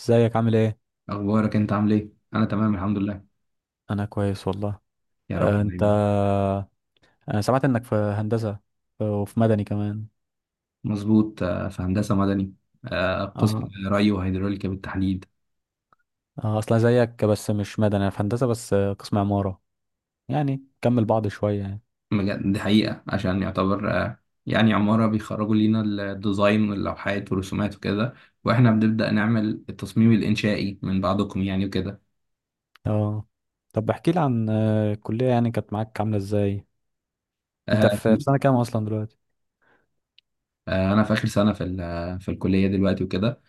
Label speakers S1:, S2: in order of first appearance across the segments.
S1: ازيك عامل ايه؟
S2: اخبارك انت عامل ايه؟ انا تمام الحمد لله.
S1: انا كويس والله.
S2: يا رب
S1: انت
S2: دايما.
S1: انا سمعت انك في هندسة وفي مدني كمان.
S2: مظبوط، في هندسه مدني. قسم
S1: اه
S2: ري وهيدروليكا بالتحديد.
S1: اه اصلا زيك بس مش مدني، انا في هندسة بس، قسم عمارة، يعني كمل بعض شوية يعني.
S2: بجد دي حقيقه. عشان يعتبر يعني عماره بيخرجوا لينا الديزاين واللوحات والرسومات وكده. واحنا بنبدا نعمل التصميم الانشائي من بعضكم، يعني، وكده.
S1: اه طب احكي لي عن الكلية، يعني كانت معاك عاملة ازاي؟ انت
S2: آه،
S1: في سنة كام اصلا دلوقتي؟
S2: انا في اخر سنه في في الكليه دلوقتي وكده.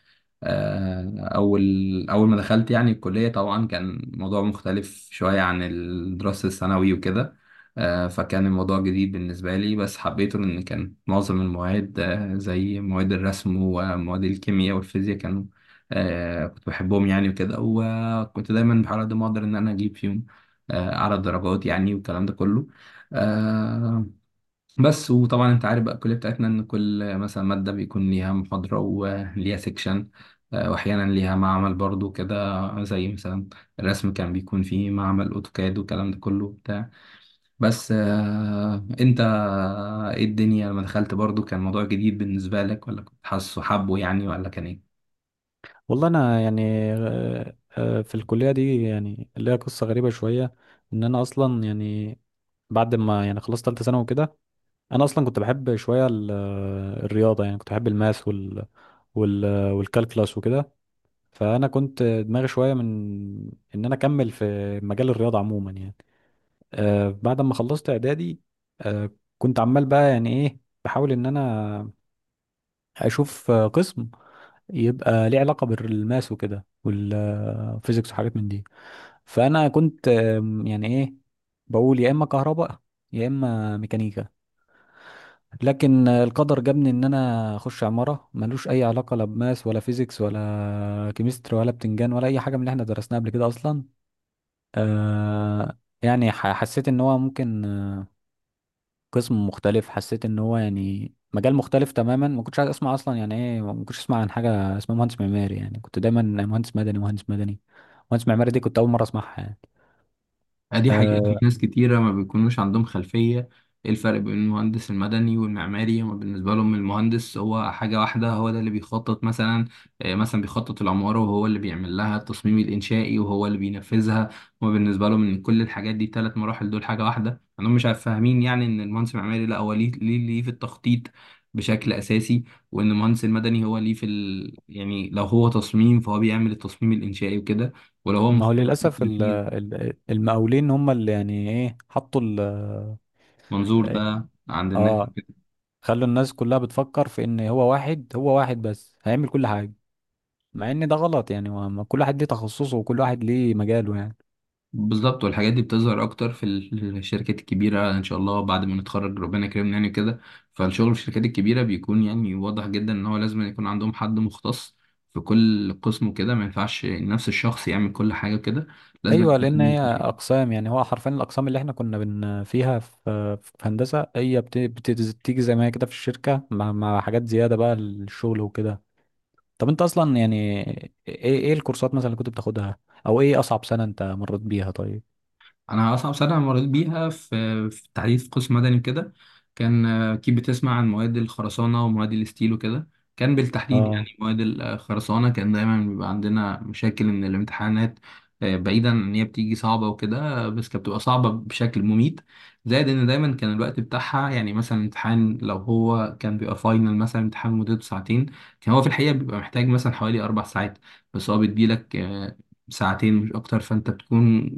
S2: آه، أول أول ما دخلت يعني الكلية، طبعا كان موضوع مختلف شوية عن الدراسة الثانوي وكده. فكان الموضوع جديد بالنسبة لي، بس حبيته لأن كان معظم المواد زي مواد الرسم ومواد الكيمياء والفيزياء كانوا آه، كنت بحبهم يعني وكده. وكنت دايما بحاول على قد ما أقدر إن أنا أجيب فيهم أعلى درجات يعني والكلام ده كله. آه، بس وطبعا انت عارف بقى الكليه بتاعتنا ان كل مثلا ماده بيكون ليها محاضره وليها سيكشن، واحيانا ليها معمل برضو كده، زي مثلا الرسم كان بيكون فيه معمل اوتوكاد والكلام ده كله بتاع. بس انت ايه الدنيا لما دخلت؟ برضو كان موضوع جديد بالنسبه لك ولا كنت حاسه حبه يعني ولا كان ايه؟
S1: والله انا يعني في الكلية دي يعني ليها قصة غريبة شوية، ان انا اصلا يعني بعد ما يعني خلصت تالتة ثانوي وكده، انا اصلا كنت بحب شويه الرياضه، يعني كنت بحب الماث وال وال والكالكلاس وكده. فانا كنت دماغي شويه من ان انا اكمل في مجال الرياضه عموما يعني. آه بعد ما خلصت اعدادي آه كنت عمال بقى يعني ايه بحاول ان انا اشوف قسم يبقى ليه علاقه بالماث وكده والفيزيكس وحاجات من دي. فانا كنت يعني ايه بقول يا اما كهرباء يا اما ميكانيكا. لكن القدر جابني ان انا اخش عمارة، ملوش اي علاقة لا بماس ولا فيزيكس ولا كيمستري ولا بتنجان ولا اي حاجة من اللي احنا درسناها قبل كده اصلا. آه يعني حسيت ان هو ممكن قسم مختلف، حسيت ان هو يعني مجال مختلف تماما. ما كنتش عايز اسمع اصلا يعني ايه، ما كنتش اسمع عن حاجة اسمها مهندس معماري، يعني كنت دايما مهندس مدني مهندس مدني. مهندس معماري دي كنت اول مرة اسمعها يعني.
S2: دي حقيقة، في
S1: آه
S2: ناس كتيرة ما بيكونوش عندهم خلفية ايه الفرق بين المهندس المدني والمعماري. هما بالنسبة لهم المهندس هو حاجة واحدة، هو ده اللي بيخطط مثلا مثلا بيخطط العمارة، وهو اللي بيعمل لها التصميم الإنشائي، وهو اللي بينفذها. هما بالنسبة لهم إن كل الحاجات دي تلات مراحل دول حاجة واحدة عندهم. مش عارف فاهمين يعني إن المهندس المعماري لا، هو ليه في التخطيط بشكل أساسي. وإن المهندس المدني هو ليه في يعني لو هو تصميم فهو بيعمل التصميم الإنشائي وكده، ولو هو
S1: ما هو
S2: مخطط
S1: للاسف
S2: بالتنفيذ.
S1: المقاولين هم اللي يعني ايه حطوا ال-.
S2: منظور ده عند الناس.
S1: اه خلوا الناس كلها بتفكر في ان هو واحد، هو واحد بس هيعمل كل حاجه، مع ان ده غلط يعني. ما ما كل واحد ليه تخصصه وكل واحد ليه مجاله يعني.
S2: بالظبط. والحاجات دي بتظهر اكتر في الشركات الكبيره، ان شاء الله بعد ما نتخرج ربنا يكرمنا يعني كده. فالشغل في الشركات الكبيره بيكون يعني واضح جدا ان هو لازم يكون عندهم حد مختص في كل قسم وكده. ما ينفعش نفس الشخص يعمل كل حاجه كده، لازم
S1: ايوه لان هي
S2: يكون.
S1: اقسام، يعني هو حرفيا الاقسام اللي احنا كنا بن فيها في في هندسه هي بتيجي زي ما هي كده في الشركه، مع حاجات زياده بقى للشغل وكده. طب انت اصلا يعني ايه، ايه الكورسات مثلا اللي كنت بتاخدها، او ايه اصعب سنه انت مريت بيها طيب؟
S2: انا اصعب سنه مريت بيها في التحديد في قسم مدني وكده. كان آه، اكيد بتسمع عن مواد الخرسانه ومواد الستيل وكده. كان بالتحديد
S1: اه
S2: يعني مواد الخرسانه كان دايما بيبقى عندنا مشاكل ان الامتحانات بعيدا ان هي بتيجي صعبه وكده. بس كانت بتبقى صعبه بشكل مميت. زائد ان دايما كان الوقت بتاعها، يعني مثلا امتحان لو هو كان بيبقى فاينل مثلا، امتحان مدته ساعتين، كان هو في الحقيقه بيبقى محتاج مثلا حوالي اربع ساعات. بس هو بيديلك ساعتين مش اكتر، فانت بتكون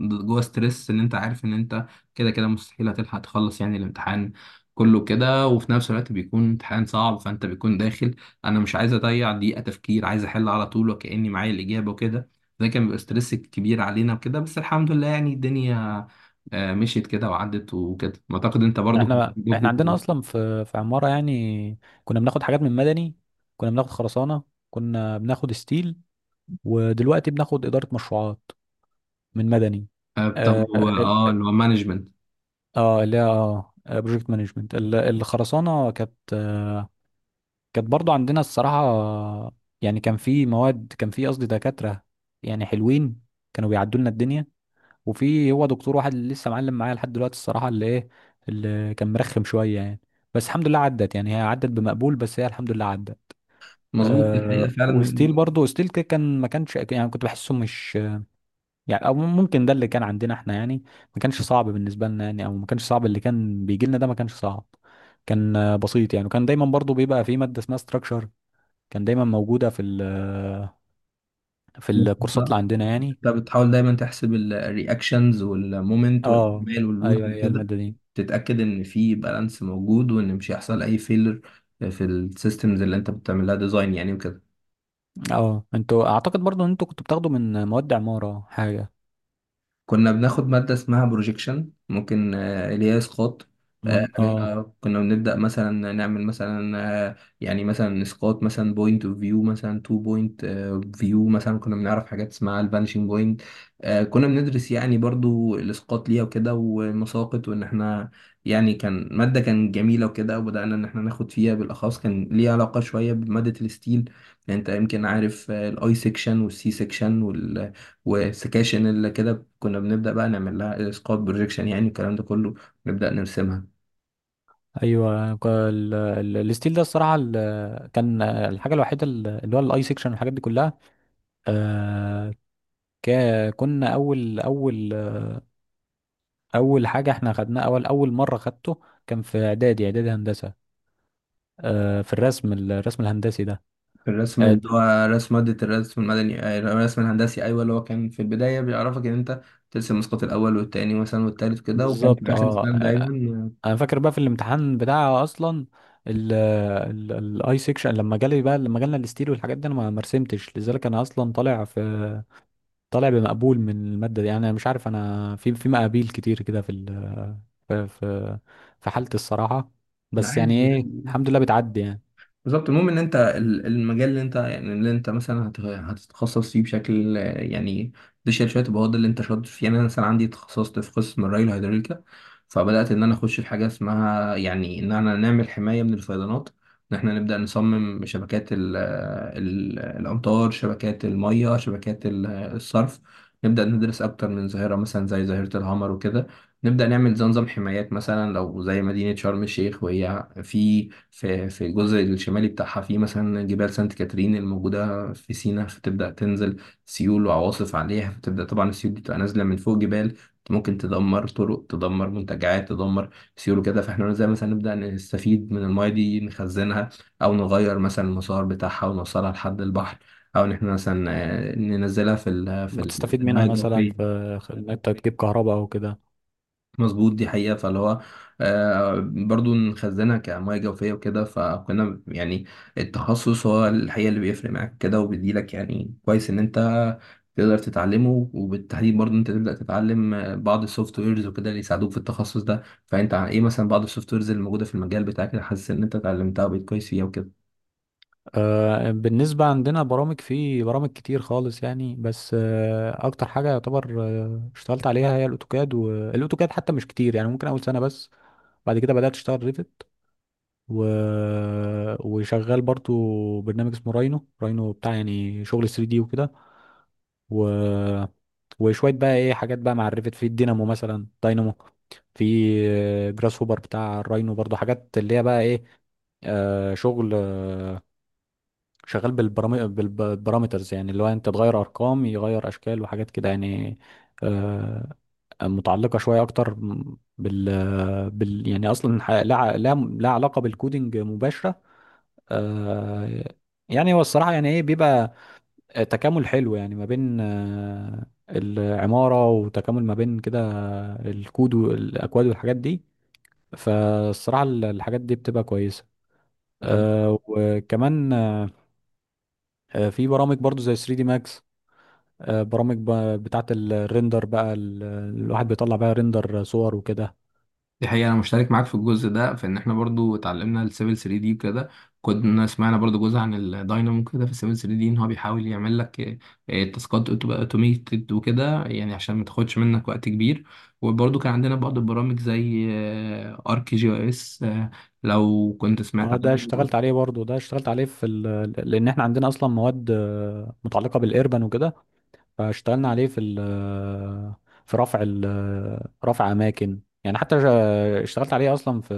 S2: جوه ستريس ان انت عارف ان انت كده كده مستحيل هتلحق تخلص يعني الامتحان كله كده. وفي نفس الوقت بيكون امتحان صعب، فانت بيكون داخل، انا مش عايز اضيع دقيقة تفكير، عايز احل على طول وكأني معايا الإجابة وكده. ده كان بيبقى ستريس كبير علينا وكده. بس الحمد لله يعني الدنيا مشيت كده وعدت وكده. اعتقد انت برضو كنت
S1: احنا
S2: عندكم
S1: عندنا اصلا في في عماره يعني كنا بناخد حاجات من مدني، كنا بناخد خرسانه، كنا بناخد ستيل، ودلوقتي بناخد اداره مشروعات من مدني. اه
S2: بتاخدوا
S1: ال-،
S2: اللي هو مانجمنت.
S1: اه اللي هي اه بروجكت مانجمنت. الخرسانه كانت برضو عندنا الصراحه يعني كان في مواد، كان في قصدي دكاتره يعني حلوين كانوا بيعدوا لنا الدنيا. وفي هو دكتور واحد اللي لسه معلم معايا لحد دلوقتي الصراحه، اللي ايه اللي كان مرخم شويه يعني. بس الحمد لله عدت، يعني هي عدت بمقبول، بس هي الحمد لله عدت.
S2: مظبوط، الحقيقة
S1: أه
S2: فعلا.
S1: وستيل برضه، ستيل كده كان ما كانش يعني كنت بحسه مش يعني، او ممكن ده اللي كان عندنا احنا يعني، ما كانش صعب بالنسبه لنا يعني، او ما كانش صعب اللي كان بيجي لنا ده ما كانش صعب. كان بسيط يعني. وكان دايما برضه بيبقى في ماده اسمها ستراكشر، كان دايما موجوده في ال في الكورسات اللي عندنا يعني.
S2: انت بتحاول دايما تحسب الرياكشنز والمومنت
S1: اه
S2: والاحتمال واللود
S1: ايوه هي
S2: وكده،
S1: الماده دي.
S2: تتاكد ان في بالانس موجود وان مش هيحصل اي فيلر في السيستمز اللي انت بتعمل لها ديزاين يعني وكده.
S1: اه انتوا اعتقد برضو ان انتوا كنتوا بتاخدوا من مواد عمارة حاجة
S2: كنا بناخد مادة اسمها بروجيكشن ممكن، اللي هي اسقاط. آه،
S1: من اه.
S2: كنا بنبدأ مثلا نعمل مثلا يعني مثلا اسقاط، مثلا بوينت اوف فيو، مثلا تو بوينت فيو، مثلا كنا بنعرف حاجات اسمها الفانشنج بوينت. كنا بندرس يعني برضو الاسقاط ليها وكده والمساقط وان احنا يعني. كان مادة كان جميلة وكده، وبدأنا ان احنا ناخد فيها بالاخص، كان ليها علاقة شوية بمادة الستيل. يعني انت يمكن عارف الاي سيكشن والسي سيكشن والسكاشن اللي كده. كنا بنبدأ بقى نعمل لها اسقاط بروجيكشن يعني الكلام ده كله، نبدأ نرسمها.
S1: ايوه الستيل ده الصراحة، كان الحاجة الوحيدة ال- اللي هو الاي سيكشن والحاجات دي كلها. آه... ك... كنا اول حاجة احنا خدناها، اول مرة خدته كان في اعدادي، اعدادي هندسة، في الرسم، الرسم الهندسي ده.
S2: الرسم
S1: آه...
S2: اللي
S1: د-
S2: هو رسم مادة الرسم المدني، الرسم الهندسي، أيوة، اللي هو كان في البداية بيعرفك إن أنت ترسم اسقاط الأول والتاني مثلا والتالت كده، وكان
S1: بالظبط
S2: في آخر
S1: اه.
S2: السنة دايما.
S1: انا فاكر بقى في الامتحان بتاع اصلا ال ال الاي سيكشن لما جالي بقى، لما جالنا الستيل والحاجات دي انا ما ما رسمتش، لذلك انا اصلا طالع في، طالع بمقبول من الماده دي يعني. انا مش عارف انا في مقابيل كتير كده في ال في في في حالتي الصراحه. بس
S2: عادي
S1: يعني ايه
S2: يعني.
S1: الحمد لله بتعدي يعني.
S2: بالظبط. المهم ان انت المجال اللي انت يعني اللي انت مثلا هتتخصص فيه بشكل يعني ديشير شويه، يبقى هو ده اللي انت شاطر فيه يعني. انا مثلا عندي تخصصت في قسم الري الهيدروليكا، فبدات ان انا اخش في حاجه اسمها يعني ان انا نعمل حمايه من الفيضانات. ان احنا نبدا نصمم شبكات ال الامطار، شبكات الميه، شبكات الصرف. نبدا ندرس اكتر من ظاهره مثلا زي ظاهره الهامر وكده. نبدأ نعمل زي نظام حمايات مثلا، لو زي مدينة شرم الشيخ وهي في الجزء الشمالي بتاعها، في مثلا جبال سانت كاترين الموجودة في سيناء، فتبدأ تنزل سيول وعواصف عليها، فتبدأ طبعا السيول دي تبقى نازلة من فوق جبال. ممكن تدمر طرق، تدمر منتجعات، تدمر سيول وكده. فاحنا زي مثلا نبدأ نستفيد من المايه دي، نخزنها، أو نغير مثلا المسار بتاعها ونوصلها لحد البحر، أو إن احنا مثلا ننزلها في
S1: ممكن تستفيد منها
S2: الحماية
S1: مثلا
S2: الجوفية.
S1: في انك تجيب كهرباء او كده.
S2: مظبوط، دي حقيقة. فاللي هو برضو نخزنها كمياه جوفية وكده، فكنا يعني التخصص هو الحقيقة اللي بيفرق معاك كده، وبيديلك يعني كويس إن أنت تقدر تتعلمه. وبالتحديد برضو أنت تبدأ تتعلم بعض السوفت ويرز وكده اللي يساعدوك في التخصص ده. فأنت عن إيه مثلا بعض السوفت ويرز اللي موجودة في المجال بتاعك اللي حاسس إن أنت اتعلمتها وبقيت كويس فيها وكده؟
S1: بالنسبة عندنا برامج، في برامج كتير خالص يعني. بس أكتر حاجة يعتبر اشتغلت عليها هي الأوتوكاد، والأوتوكاد حتى مش كتير يعني، ممكن أول سنة بس. بعد كده بدأت أشتغل ريفت و... وشغال برضو برنامج اسمه راينو بتاع يعني شغل 3 دي وكده. و... وشوية بقى إيه حاجات بقى مع الريفت، في الدينامو مثلا، داينامو، في جراس هوبر بتاع الراينو برضو، حاجات اللي هي بقى إيه، شغل شغال بالبارامترز، يعني اللي هو انت تغير ارقام يغير اشكال وحاجات كده يعني. آه، متعلقه شويه اكتر بال, يعني اصلا ح- لا ع- لا لا علاقه بالكودينج مباشره. آه، يعني هو الصراحه يعني ايه بيبقى تكامل حلو، يعني ما بين العماره، وتكامل ما بين كده الكود والاكواد والحاجات دي. فالصراحه ال- الحاجات دي بتبقى كويسه. وكمان في برامج برضو زي 3 دي ماكس، برامج بتاعة الريندر بقى، ال- الواحد بيطلع بقى ريندر صور وكده.
S2: دي حقيقة، أنا مشترك معاك في الجزء ده في إن إحنا برضو اتعلمنا السيفل 3 دي وكده. كنا سمعنا برضو جزء عن الداينامو كده في السيفل 3 دي، إن هو بيحاول يعمل لك تاسكات تبقى أوتوميتد وكده يعني عشان ما تاخدش منك وقت كبير. وبرضو كان عندنا بعض البرامج زي آرك جي أو إس، لو كنت سمعت
S1: اه ده
S2: عنه.
S1: اشتغلت عليه برضه، ده اشتغلت عليه في لان احنا عندنا اصلا مواد متعلقة بالايربان وكده. فاشتغلنا عليه في ال... آه، في رفع ال... آه، رفع اماكن يعني. حتى اشتغلت عليه اصلا في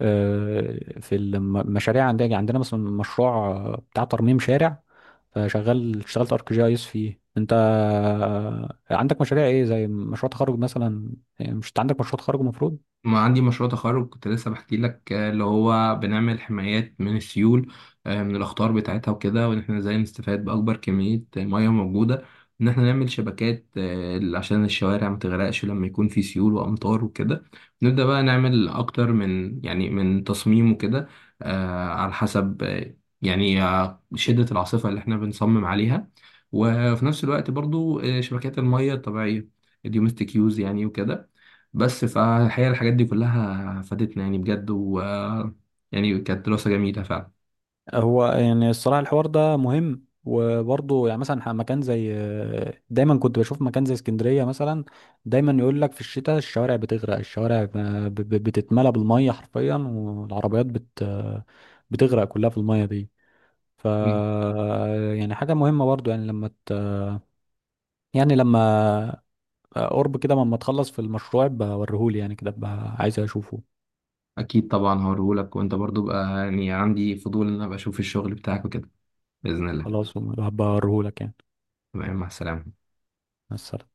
S1: في المشاريع. عندنا مثلا مشروع بتاع ترميم شارع، فشغال اشتغلت ارك جي اس فيه. انت عندك مشاريع ايه زي مشروع تخرج مثلا؟ مش انت عندك مشروع تخرج المفروض؟
S2: ما عندي مشروع تخرج كنت لسه بحكي لك اللي هو بنعمل حمايات من السيول، من الأخطار بتاعتها وكده، وإن إحنا إزاي نستفاد بأكبر كمية مية موجودة. إن إحنا نعمل شبكات عشان الشوارع ما تغرقش لما يكون في سيول وأمطار وكده. نبدأ بقى نعمل أكتر من يعني من تصميم وكده، على حسب شدة العاصفة اللي إحنا بنصمم عليها. وفي نفس الوقت برضو شبكات المية الطبيعية، الدومستيك يوز يعني وكده. بس فالحقيقة الحاجات دي كلها فادتنا يعني بجد، و يعني كانت دراسة جميلة فعلا.
S1: هو يعني الصراحه الحوار ده مهم. وبرضه يعني مثلا مكان زي دايما كنت بشوف مكان زي اسكندريه مثلا، دايما يقول لك في الشتاء الشوارع بتغرق، الشوارع بتتملى بالميه حرفيا، والعربيات بت آه، بتغرق كلها في الميه دي. ف
S2: مم.
S1: يعني حاجه مهمه برضه يعني يعني لما قرب كده ما تخلص في المشروع بوريهولي يعني كده بقى عايز اشوفه.
S2: أكيد طبعا هوريهولك. وأنت برضو بقى يعني عندي فضول إن أنا أبقى أشوف الشغل بتاعك وكده. بإذن الله.
S1: خلاص هبقى اوريهولك يعني.
S2: تمام، مع السلامة.
S1: مع السلامة.